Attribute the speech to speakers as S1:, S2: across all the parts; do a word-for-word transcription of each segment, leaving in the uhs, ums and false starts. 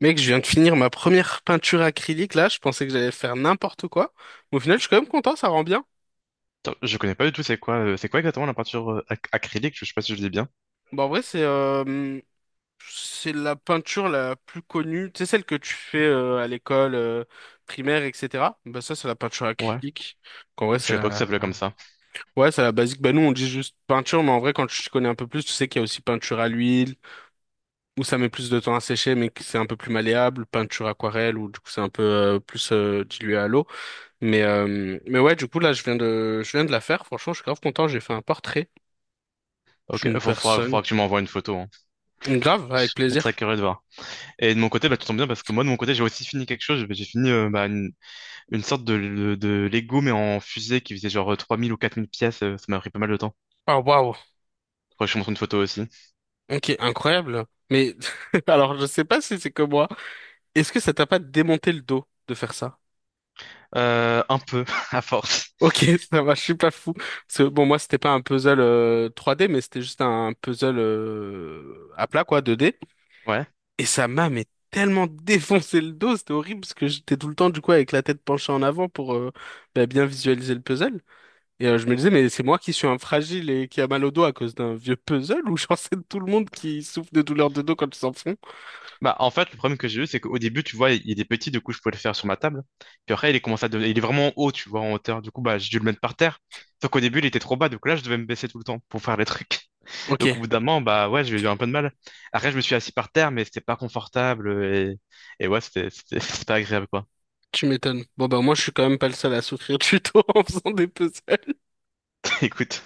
S1: Mec, je viens de finir ma première peinture acrylique là, je pensais que j'allais faire n'importe quoi. Mais au final, je suis quand même content, ça rend bien.
S2: Attends, je connais pas du tout, c'est quoi, euh, c'est quoi exactement la peinture euh, ac- acrylique? Je sais pas si je le dis bien.
S1: Bon, en vrai, c'est euh, c'est la peinture la plus connue, tu sais, celle que tu fais euh, à l'école euh, primaire, et cetera. Bah ça, c'est la peinture
S2: Ouais.
S1: acrylique. En vrai,
S2: Je
S1: c'est
S2: savais pas que ça
S1: la...
S2: s'appelait comme ça.
S1: Ouais, c'est la basique. Bah nous, on dit juste peinture, mais en vrai, quand tu t'y connais un peu plus, tu sais qu'il y a aussi peinture à l'huile, où ça met plus de temps à sécher, mais que c'est un peu plus malléable, peinture aquarelle, où du coup, c'est un peu euh, plus euh, dilué à l'eau. Mais, euh, mais ouais, du coup, là, je viens de, je viens de la faire. Franchement, je suis grave content. J'ai fait un portrait
S2: Ok,
S1: d'une
S2: faut, faudra,
S1: personne.
S2: faudra que tu m'envoies une photo, hein. Je
S1: Grave, avec
S2: serais très
S1: plaisir.
S2: curieux de voir. Et de mon côté, bah, tu tombes bien parce que moi, de mon côté, j'ai aussi fini quelque chose. J'ai fini euh, bah, une, une sorte de, de, de Lego, mais en fusée qui faisait genre euh, trois mille ou quatre mille pièces. euh, Ça m'a pris pas mal de temps.
S1: Ah, waouh.
S2: Faudrait que je te montre une photo aussi.
S1: Ok, incroyable. Mais, alors, je sais pas si c'est que moi. Est-ce que ça t'a pas démonté le dos de faire ça?
S2: Euh, un peu, à force.
S1: Ok, ça va, je suis pas fou. Parce que, bon, moi, c'était pas un puzzle euh, trois D, mais c'était juste un puzzle euh, à plat, quoi, deux D.
S2: Ouais.
S1: Et ça m'a, mais tellement défoncé le dos, c'était horrible, parce que j'étais tout le temps, du coup, avec la tête penchée en avant pour euh, bah, bien visualiser le puzzle. Et euh, je me disais, mais c'est moi qui suis un fragile et qui a mal au dos à cause d'un vieux puzzle ou genre c'est tout le monde qui souffre de douleurs de dos quand ils s'en font?
S2: Bah, en fait, le problème que j'ai eu, c'est qu'au début, tu vois, il est petit, du coup, je pouvais le faire sur ma table. Puis après, il est commencé à devenir- il est vraiment haut, tu vois, en hauteur. Du coup, bah, j'ai dû le mettre par terre. Sauf qu'au début, il était trop bas, donc là, je devais me baisser tout le temps pour faire les trucs.
S1: Ok,
S2: Donc, au bout d'un moment, bah, ouais, j'ai eu un peu de mal. Après, je me suis assis par terre, mais c'était pas confortable et, et ouais, c'était, c'était, c'était pas agréable, quoi.
S1: tu m'étonnes. Bon, bah moi je suis quand même pas le seul à souffrir du dos en faisant des puzzles.
S2: Écoute.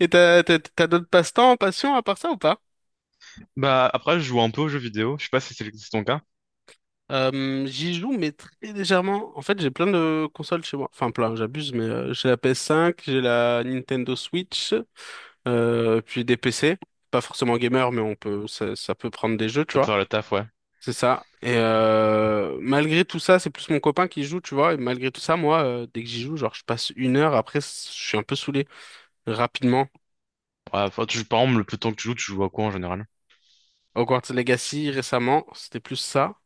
S1: Et t'as t'as t'as d'autres passe-temps, passions à part ça ou pas?
S2: Bah, après, je joue un peu aux jeux vidéo. Je sais pas si c'est le- c'est ton cas.
S1: Euh, j'y joue mais très légèrement. En fait j'ai plein de consoles chez moi. Enfin plein, j'abuse mais euh, j'ai la PS cinq, j'ai la Nintendo Switch, euh, puis des P C. Pas forcément gamer mais on peut ça, ça peut prendre des jeux tu
S2: Tu peux
S1: vois.
S2: faire le taf, ouais.
S1: C'est ça. Et euh, malgré tout ça, c'est plus mon copain qui joue, tu vois. Et malgré tout ça, moi, euh, dès que j'y joue, genre, je passe une heure. Après, c- je suis un peu saoulé. Rapidement.
S2: Ouais, enfin, tu joues, par exemple, le plus temps que tu joues, tu joues à quoi en général?
S1: Hogwarts Legacy, récemment, c'était plus ça.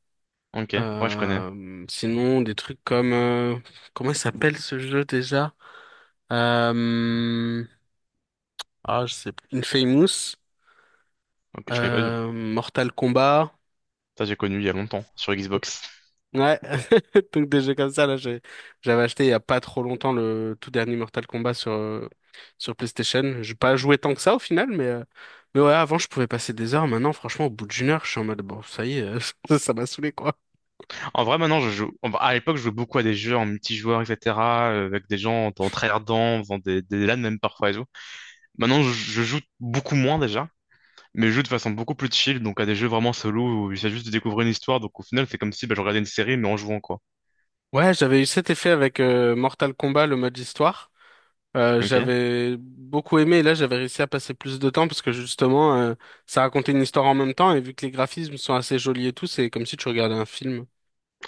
S2: Ok. Ouais, je connais.
S1: Euh, sinon, des trucs comme... euh, comment il s'appelle ce jeu déjà? Euh, ah, je sais plus. Infamous.
S2: Ok, je connais pas du tout.
S1: Euh, Mortal Kombat.
S2: Ça, j'ai connu il y a longtemps, sur Xbox.
S1: Ouais, donc des jeux comme ça, là, j'ai- j'avais acheté il y a pas trop longtemps le tout dernier Mortal Kombat sur, euh, sur PlayStation. J'ai pas joué tant que ça au final, mais, euh, mais ouais, avant je pouvais passer des heures. Maintenant, franchement, au bout d'une heure, je suis en mode bon, ça y est, euh, ça ça m'a saoulé quoi.
S2: En vrai, maintenant, je joue. en- À l'époque, je jouais beaucoup à des jeux en multijoueur, et cetera, euh, avec des gens en tryhardant, en faisant des, des LAN même parfois et tout. Maintenant, je, je joue beaucoup moins déjà, mais je joue de façon beaucoup plus chill, donc à des jeux vraiment solo où il s'agit juste de découvrir une histoire. Donc au final, c'est comme si bah, je regardais une série, mais en jouant, quoi.
S1: Ouais, j'avais eu cet effet avec euh, Mortal Kombat, le mode histoire. Euh,
S2: Ok.
S1: j'avais beaucoup aimé et là j'avais réussi à passer plus de temps parce que justement euh, ça racontait une histoire en même temps et vu que les graphismes sont assez jolis et tout, c'est comme si tu regardais un film.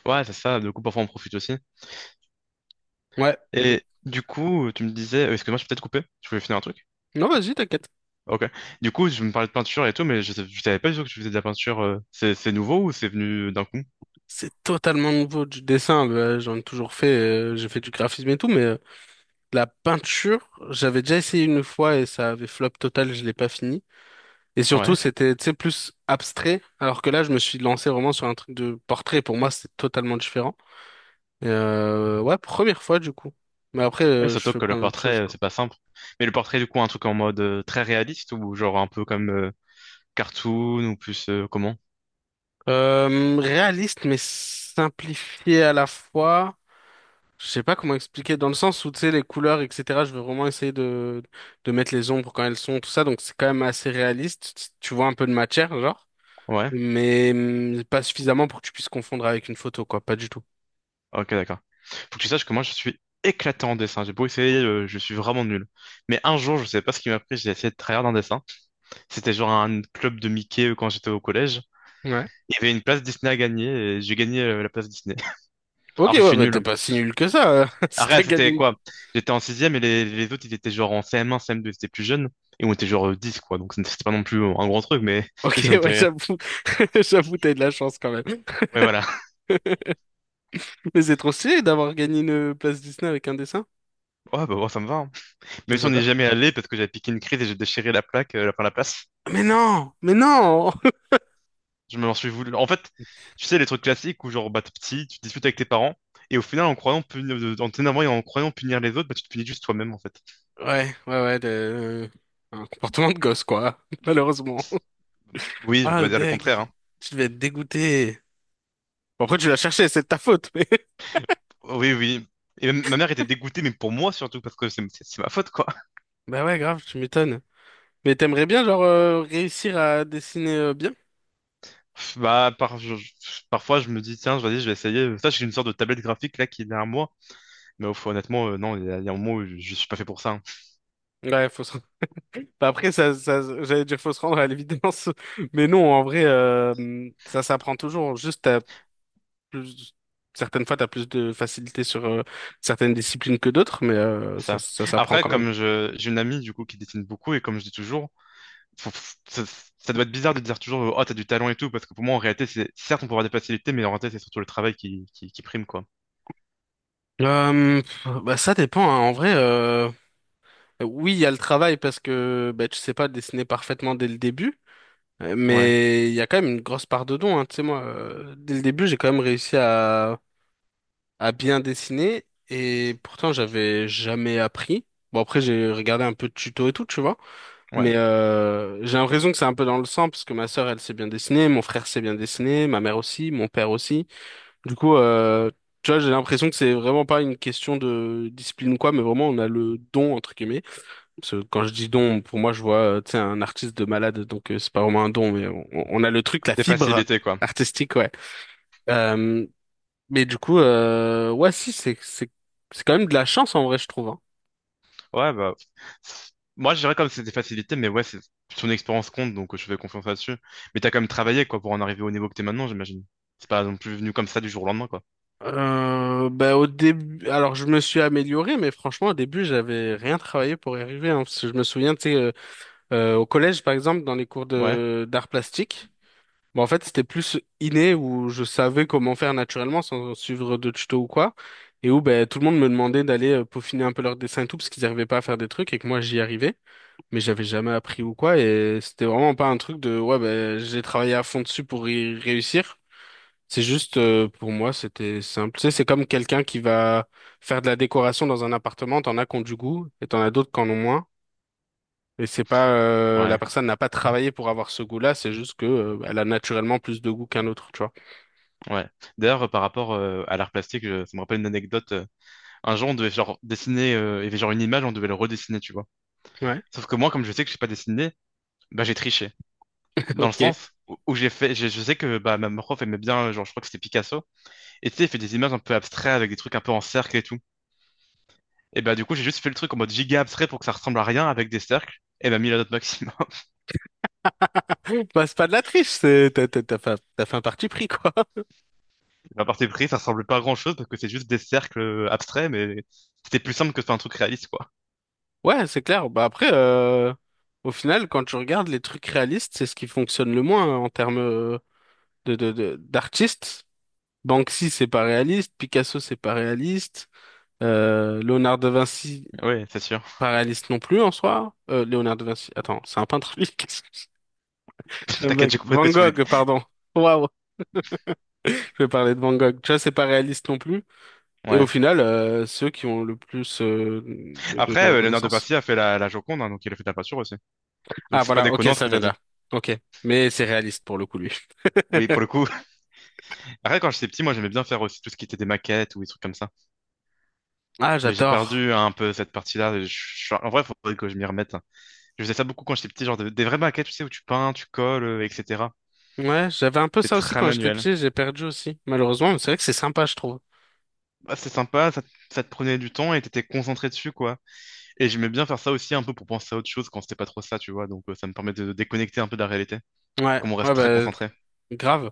S2: Ouais, c'est ça. Du coup, parfois, on profite aussi.
S1: Ouais.
S2: Et du coup, tu me disais, euh, excuse-moi, je peux peut-être couper. Je voulais finir un truc.
S1: Non, vas-y, t'inquiète.
S2: Ok. Du coup, je me parlais de peinture et tout, mais je, sais- je savais pas du tout que tu faisais de la peinture. euh, C'est c'est nouveau ou c'est venu d'un coup?
S1: C'est totalement nouveau du dessin. Bah, j'en ai toujours fait, euh, j'ai fait du graphisme et tout, mais euh, la peinture, j'avais déjà essayé une fois et ça avait flop total, je l'ai pas fini. Et surtout,
S2: Ouais.
S1: c'était, tu sais, plus abstrait, alors que là, je me suis lancé vraiment sur un truc de portrait. Pour moi, c'est totalement différent. Et, euh, ouais, première fois du coup. Mais après,
S2: Ouais,
S1: euh, je
S2: surtout
S1: fais
S2: que le
S1: plein d'autres choses,
S2: portrait, euh,
S1: quoi.
S2: c'est pas simple. Mais le portrait, du coup, un truc en mode euh, très réaliste ou genre un peu comme euh, cartoon ou plus euh, comment?
S1: Euh, réaliste, mais simplifié à la fois. Je sais pas comment expliquer, dans le sens où, tu sais, les couleurs, et cetera, je veux vraiment essayer de, de mettre les ombres quand elles sont, tout ça, donc c'est quand même assez réaliste. Tu tu vois un peu de matière, genre,
S2: Ouais.
S1: mais hum, pas suffisamment pour que tu puisses confondre avec une photo, quoi, pas du tout.
S2: Ok, d'accord. Faut que tu saches que moi, je suis éclatant en dessin. J'ai beau essayer, euh, je suis vraiment nul. Mais un jour, je sais pas ce qui m'a pris, j'ai essayé de tryhard un dessin. C'était genre un club de Mickey euh, quand j'étais au collège.
S1: Ouais.
S2: Il y avait une place Disney à gagner et j'ai gagné euh, la place Disney.
S1: Ok,
S2: Alors que je
S1: ouais,
S2: suis
S1: bah
S2: nul.
S1: t'es pas si nul que ça, euh, si t'as
S2: Après,
S1: gagné.
S2: c'était
S1: une-
S2: quoi? J'étais en sixième et les, les autres, ils étaient genre en C M un, C M deux, ils étaient plus jeunes. Et on était genre euh, dix, quoi. Donc, c'était pas non plus euh, un grand truc, mais
S1: Ok,
S2: juste ça me
S1: ouais,
S2: fait rire.
S1: j'avoue, j'avoue, t'as eu de la chance quand même.
S2: Ouais, voilà.
S1: Mais c'est trop stylé d'avoir gagné une euh, place Disney avec un dessin.
S2: Ouais, bah, bon, ça me va, hein. Même si on n'est
S1: J'adore.
S2: jamais allé parce que j'avais piqué une crise et j'ai déchiré la plaque, euh, enfin, la place.
S1: Mais non, mais non!
S2: Je m'en suis voulu. En fait, tu sais, les trucs classiques où genre, bah, t'es petit, tu discutes avec tes parents. Et au final, en croyant punir, euh, en t'énervant et en croyant punir les autres, bah, tu te punis juste toi-même, en fait.
S1: Ouais, ouais, ouais, de- euh, un comportement de gosse, quoi, malheureusement.
S2: Oui, je peux
S1: Ah,
S2: pas dire le
S1: deg.
S2: contraire, hein.
S1: Tu devais être dégoûté. Bon, après, tu l'as cherché, c'est de ta faute. mais-
S2: Oui, oui. Et même- ma mère était dégoûtée, mais pour moi surtout, parce que c'est c'est- c'est ma faute, quoi.
S1: Bah ouais, grave, tu m'étonnes. Mais t'aimerais bien, genre, euh, réussir à dessiner euh, bien?
S2: Bah, par- je- je- parfois, je me dis, tiens, vas-y, je vais essayer. Ça, j'ai une sorte de tablette graphique là qui est derrière moi. Mais au fond, honnêtement, euh, non, il y a, il y a un moment où je, je suis pas fait pour ça, hein.
S1: Ouais, faut se... Bah après, ça, ça, j'allais dire faut se rendre à l'évidence. Mais non, en vrai, euh, ça s'apprend toujours. Juste, t'as plus... Certaines fois, t'as plus de facilité sur euh, certaines disciplines que d'autres, mais euh,
S2: C'est
S1: ça,
S2: ça.
S1: ça s'apprend
S2: Après,
S1: quand même.
S2: comme je, j'ai une amie du coup qui dessine beaucoup et comme je dis toujours, faut- faut- ça, ça doit être bizarre de dire toujours, oh, t'as du talent et tout, parce que pour moi, en réalité, c'est certes, on peut avoir des facilités, mais en réalité, c'est surtout le travail qui, qui, qui prime, quoi.
S1: Euh, pff, bah ça dépend, hein. En vrai, euh, oui, il y a le travail parce que bah, tu sais pas dessiner parfaitement dès le début. Euh,
S2: Ouais,
S1: Mais il y a quand même une grosse part de don, hein. Tu sais, moi, euh, dès le début, j'ai quand même réussi à, à bien dessiner et pourtant, j'avais jamais appris. Bon, après, j'ai regardé un peu de tuto et tout, tu vois.
S2: ouais.
S1: Mais euh, j'ai l'impression que c'est un peu dans le sang parce que ma sœur, elle sait bien dessiner, mon frère sait bien dessiner, ma mère aussi, mon père aussi. Du coup, euh, tu vois, j'ai l'impression que c'est vraiment pas une question de discipline ou quoi, mais vraiment, on a le don, entre guillemets. Parce que quand je dis don, pour moi, je vois, euh, tu sais, un artiste de malade, donc euh, c'est pas vraiment un don, mais on, on a le truc, la
S2: Des
S1: fibre
S2: facilités, quoi.
S1: artistique, ouais. Euh, mais du coup, euh, ouais, si, c'est, c'est, c'est quand même de la chance en vrai, je trouve. Hein.
S2: Ouais, bah, c'est- moi, je dirais comme c'est des facilités, mais ouais, c'est son expérience compte, donc euh, je fais confiance là-dessus. Mais t'as quand même travaillé, quoi, pour en arriver au niveau que t'es maintenant, j'imagine. C'est pas non plus venu comme ça du jour au lendemain, quoi.
S1: Euh, bah, au début, alors je me suis amélioré, mais franchement, au début, j'avais rien travaillé pour y arriver, hein, parce que je me souviens, tu sais, euh, euh, au collège, par exemple, dans les cours
S2: Ouais,
S1: de d'art plastique. Bon, en fait, c'était plus inné où je savais comment faire naturellement sans suivre de tuto ou quoi. Et où ben, tout le monde me demandait d'aller euh, peaufiner un peu leur dessin et tout parce qu'ils n'arrivaient pas à faire des trucs et que moi j'y arrivais. Mais j'avais jamais appris ou quoi. Et c'était vraiment pas un truc de ouais, ben, j'ai travaillé à fond dessus pour y réussir. C'est juste euh, pour moi, c'était simple. Tu sais, c'est comme quelqu'un qui va faire de la décoration dans un appartement. T'en as qui ont du goût et t'en as d'autres qui en ont moins. Et c'est pas euh, la
S2: ouais,
S1: personne n'a pas travaillé pour avoir ce goût-là, c'est juste que euh, elle a naturellement plus de goût qu'un autre, tu vois.
S2: ouais. D'ailleurs, euh, par rapport euh, à l'art plastique, je- ça me rappelle une anecdote. Euh, Un jour, on devait genre dessiner, euh, il y avait genre une image, on devait le redessiner, tu vois.
S1: Ouais,
S2: Sauf que moi, comme je sais que je sais pas dessiner, bah, j'ai triché. Dans le
S1: ok.
S2: sens où où j'ai fait, j'ai- je sais que bah, ma prof aimait bien, euh, genre, je crois que c'était Picasso. Et tu sais, il fait des images un peu abstraites avec des trucs un peu en cercle et tout. Et bah, du coup, j'ai juste fait le truc en mode giga abstrait pour que ça ressemble à rien avec des cercles. Et bah, mis la note maximum.
S1: Bah, c'est pas de la triche, c'est t'as t'as- t'as fait, t'as fait un parti pris, quoi.
S2: À part partir pris, ça ressemble pas à grand chose parce que c'est juste des cercles euh, abstraits, mais c'était plus simple que de faire un truc réaliste, quoi.
S1: Ouais, c'est clair. Bah après, euh, au final, quand tu regardes les trucs réalistes, c'est ce qui fonctionne le moins hein, en termes euh, de, de, de- d'artistes. Banksy, c'est pas réaliste. Picasso, c'est pas réaliste. Euh, Léonard de Vinci,
S2: Oui, c'est sûr.
S1: pas réaliste non plus en soi. Euh, Léonard de Vinci, attends, c'est un peintre, lui. Qu'est-ce que j'ai un
S2: T'inquiète,
S1: bug
S2: j'ai compris ce
S1: Van
S2: que tu voulais dire.
S1: Gogh, pardon. Waouh, je vais parler de Van Gogh. Tu vois, c'est pas réaliste non plus. Et au
S2: Ouais.
S1: final, euh, ceux qui ont le plus euh, de, de, de
S2: Après, euh, Léonard de
S1: reconnaissance.
S2: Vinci a fait la, la Joconde, hein, donc il a fait de la peinture aussi. Donc
S1: Ah
S2: c'est pas
S1: voilà, ok,
S2: déconnant ce
S1: ça
S2: que t'as
S1: vient de
S2: dit.
S1: là. Ok, mais c'est réaliste pour le coup, lui.
S2: Oui, pour le coup. Après, quand j'étais petit, moi, j'aimais bien faire aussi tout ce qui était des maquettes ou des trucs comme ça.
S1: Ah,
S2: Mais j'ai
S1: j'adore.
S2: perdu un peu cette partie-là. et je- je- En vrai, il faudrait que je m'y remette. Je faisais ça beaucoup quand j'étais petit, genre de- des vraies maquettes, tu sais, où tu peins, tu colles, euh, et cetera.
S1: Ouais, j'avais un peu
S2: C'est
S1: ça aussi
S2: très
S1: quand j'étais
S2: manuel.
S1: petit, j'ai perdu aussi, malheureusement, mais c'est vrai que c'est sympa, je trouve.
S2: Bah, c'est sympa, ça, te ça te prenait du temps et t'étais concentré dessus, quoi. Et j'aimais bien faire ça aussi un peu pour penser à autre chose quand c'était pas trop ça, tu vois. Donc, euh, ça me permettait de déconnecter un peu de la réalité,
S1: Ouais,
S2: comme on
S1: ouais,
S2: reste très
S1: bah,
S2: concentré.
S1: grave.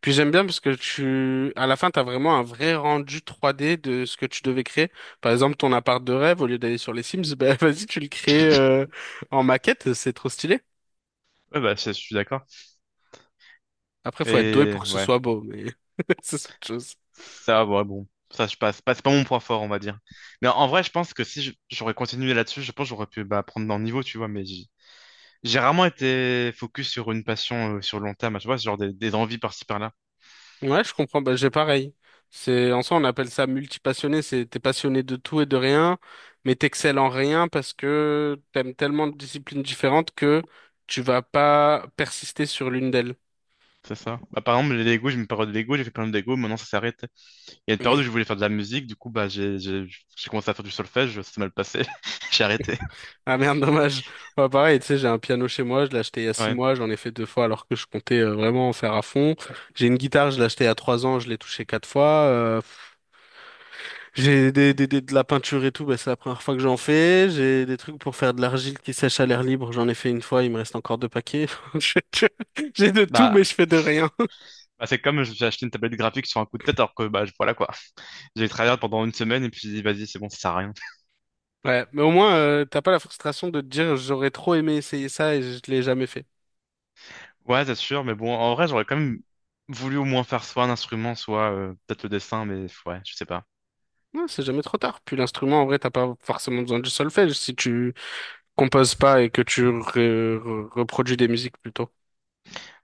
S1: Puis j'aime bien parce que tu, à la fin, t'as vraiment un vrai rendu trois D de ce que tu devais créer. Par exemple, ton appart de rêve, au lieu d'aller sur les Sims, bah, vas-y, tu le crées euh, en maquette, c'est trop stylé.
S2: Ouais, bah, je je suis d'accord.
S1: Après, faut être doué
S2: Et
S1: pour que ce
S2: ouais.
S1: soit beau, mais c'est autre chose.
S2: Ça, ouais, bon, ça je passe. Pas- C'est pas mon point fort, on va dire. Mais en en vrai, je pense que si je- j'aurais continué là-dessus, je pense que j'aurais pu bah, prendre dans le niveau, tu vois. Mais j'ai j'ai rarement été focus sur une passion euh, sur le long terme, tu vois, genre des, des envies par-ci par-là.
S1: Ouais, je comprends. Bah, j'ai pareil. C'est, en soi, on appelle ça multipassionné. C'est, t'es passionné de tout et de rien, mais t'excelles en rien parce que t'aimes tellement de disciplines différentes que tu vas pas persister sur l'une d'elles.
S2: C'est ça. Bah, par exemple, les Lego, j'ai eu une période de Lego, j'ai fait plein de Lego, maintenant ça s'arrête. Il y a une période où je voulais faire de la musique, du coup, bah, j'ai j'ai- j'ai commencé à faire du solfège, ça s'est mal passé, j'ai arrêté.
S1: Ah merde, dommage. Ouais, pareil, tu sais, j'ai un piano chez moi, je l'ai acheté il y a six
S2: Ouais.
S1: mois, j'en ai fait deux fois alors que je comptais euh, vraiment en faire à fond. J'ai une guitare, je l'ai achetée il y a trois ans, je l'ai touchée quatre fois. euh, J'ai des, des- des- de la peinture et tout, bah, c'est la première fois que j'en fais. J'ai des trucs pour faire de l'argile qui sèche à l'air libre. J'en ai fait une fois, il me reste encore deux paquets. Je- je- J'ai de tout, mais
S2: Bah,
S1: je fais de rien.
S2: bah, c'est comme j'ai acheté une tablette graphique sur un coup de tête, alors que, bah, voilà quoi. J'ai travaillé pendant une semaine et puis j'ai dit, vas-y, c'est bon, ça sert à rien.
S1: Ouais, mais au moins, euh, t'as pas la frustration de te dire j'aurais trop aimé essayer ça et je l'ai jamais fait.
S2: Ouais, c'est sûr, mais bon, en vrai, j'aurais quand même voulu au moins faire soit un instrument, soit euh, peut-être le dessin, mais ouais, je sais pas.
S1: Non, c'est jamais trop tard. Puis l'instrument, en vrai, t'as pas forcément besoin du solfège si tu composes pas et que tu re- re- reproduis des musiques plutôt.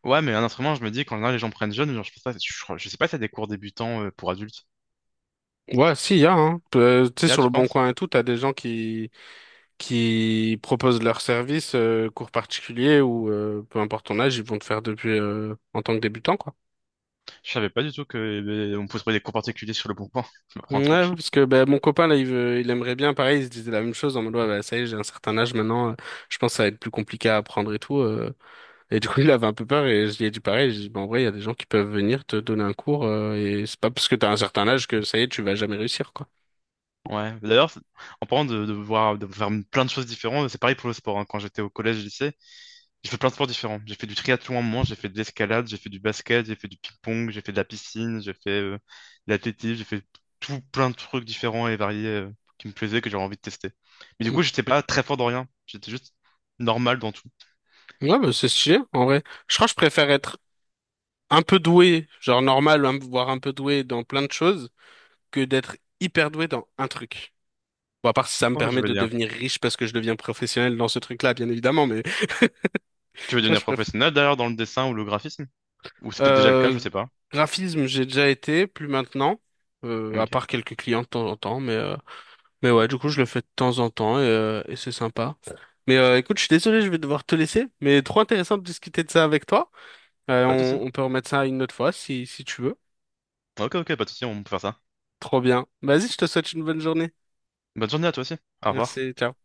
S2: Ouais, mais un instrument, je me dis, quand général, les gens prennent jeune, genre, je pense pas, je, je sais pas si y a des cours débutants euh, pour adultes.
S1: Ouais, si, y a, hein. Euh, tu sais,
S2: Là,
S1: sur le
S2: tu
S1: Bon
S2: penses?
S1: Coin et tout, t'as des gens qui qui proposent leurs services, euh, cours particuliers ou euh, peu importe ton âge, ils vont te faire depuis euh, en tant que débutant, quoi.
S2: Je savais pas du tout que euh, on pouvait trouver des cours particuliers sur le bon coin. Je me prends un
S1: Ouais,
S2: truc.
S1: parce que ben mon copain là, il veut, il aimerait bien, pareil, il se disait la même chose en mode ouais, bah, ça y est, j'ai un certain âge maintenant, euh, je pense que ça va être plus compliqué à apprendre et tout. euh. Et du coup, il avait un peu peur et je lui ai dit pareil. J'ai dit, bah, en vrai, il y a des gens qui peuvent venir te donner un cours euh, et c'est pas parce que t'as un certain âge que ça y est, tu vas jamais réussir, quoi.
S2: Ouais, d'ailleurs, c'est- en parlant de, de voir, de faire plein de choses différentes, c'est pareil pour le sport, hein. Quand j'étais au collège, lycée, j'ai fait plein de sports différents. J'ai fait du triathlon à un moment, j'ai fait de l'escalade, j'ai fait du basket, j'ai fait du ping-pong, j'ai fait de la piscine, j'ai fait euh, de l'athlétisme, j'ai fait tout plein de trucs différents et variés euh, qui me plaisaient, que j'avais envie de tester. Mais du coup, j'étais pas très fort dans rien. J'étais juste normal dans tout.
S1: Ouais, bah, c'est stylé, en vrai. Je crois que je préfère être un peu doué, genre normal, hein, voire un peu doué dans plein de choses, que d'être hyper doué dans un truc. Bon, à part si ça me
S2: Ouais, je
S1: permet
S2: veux
S1: de
S2: dire.
S1: devenir riche parce que je deviens professionnel dans ce truc-là, bien évidemment, mais
S2: Tu veux
S1: tu vois,
S2: devenir
S1: je préfère.
S2: professionnel d'ailleurs dans le dessin ou le graphisme? Ou c'est peut-être déjà le cas, je
S1: Euh,
S2: sais pas.
S1: Graphisme, j'ai déjà été, plus maintenant, euh, à
S2: Ok,
S1: part quelques clients de temps en temps, mais, euh, mais ouais, du coup, je le fais de temps en temps et, euh, et c'est sympa. Mais euh, écoute, je suis désolé, je vais devoir te laisser, mais trop intéressant de discuter de ça avec toi. Euh,
S2: pas de souci.
S1: on, on peut remettre ça une autre fois si, si tu veux.
S2: Ok, ok, pas de souci, on peut faire ça.
S1: Trop bien. Vas-y, je te souhaite une bonne journée.
S2: Bonne journée à toi aussi. Au revoir.
S1: Merci, ciao.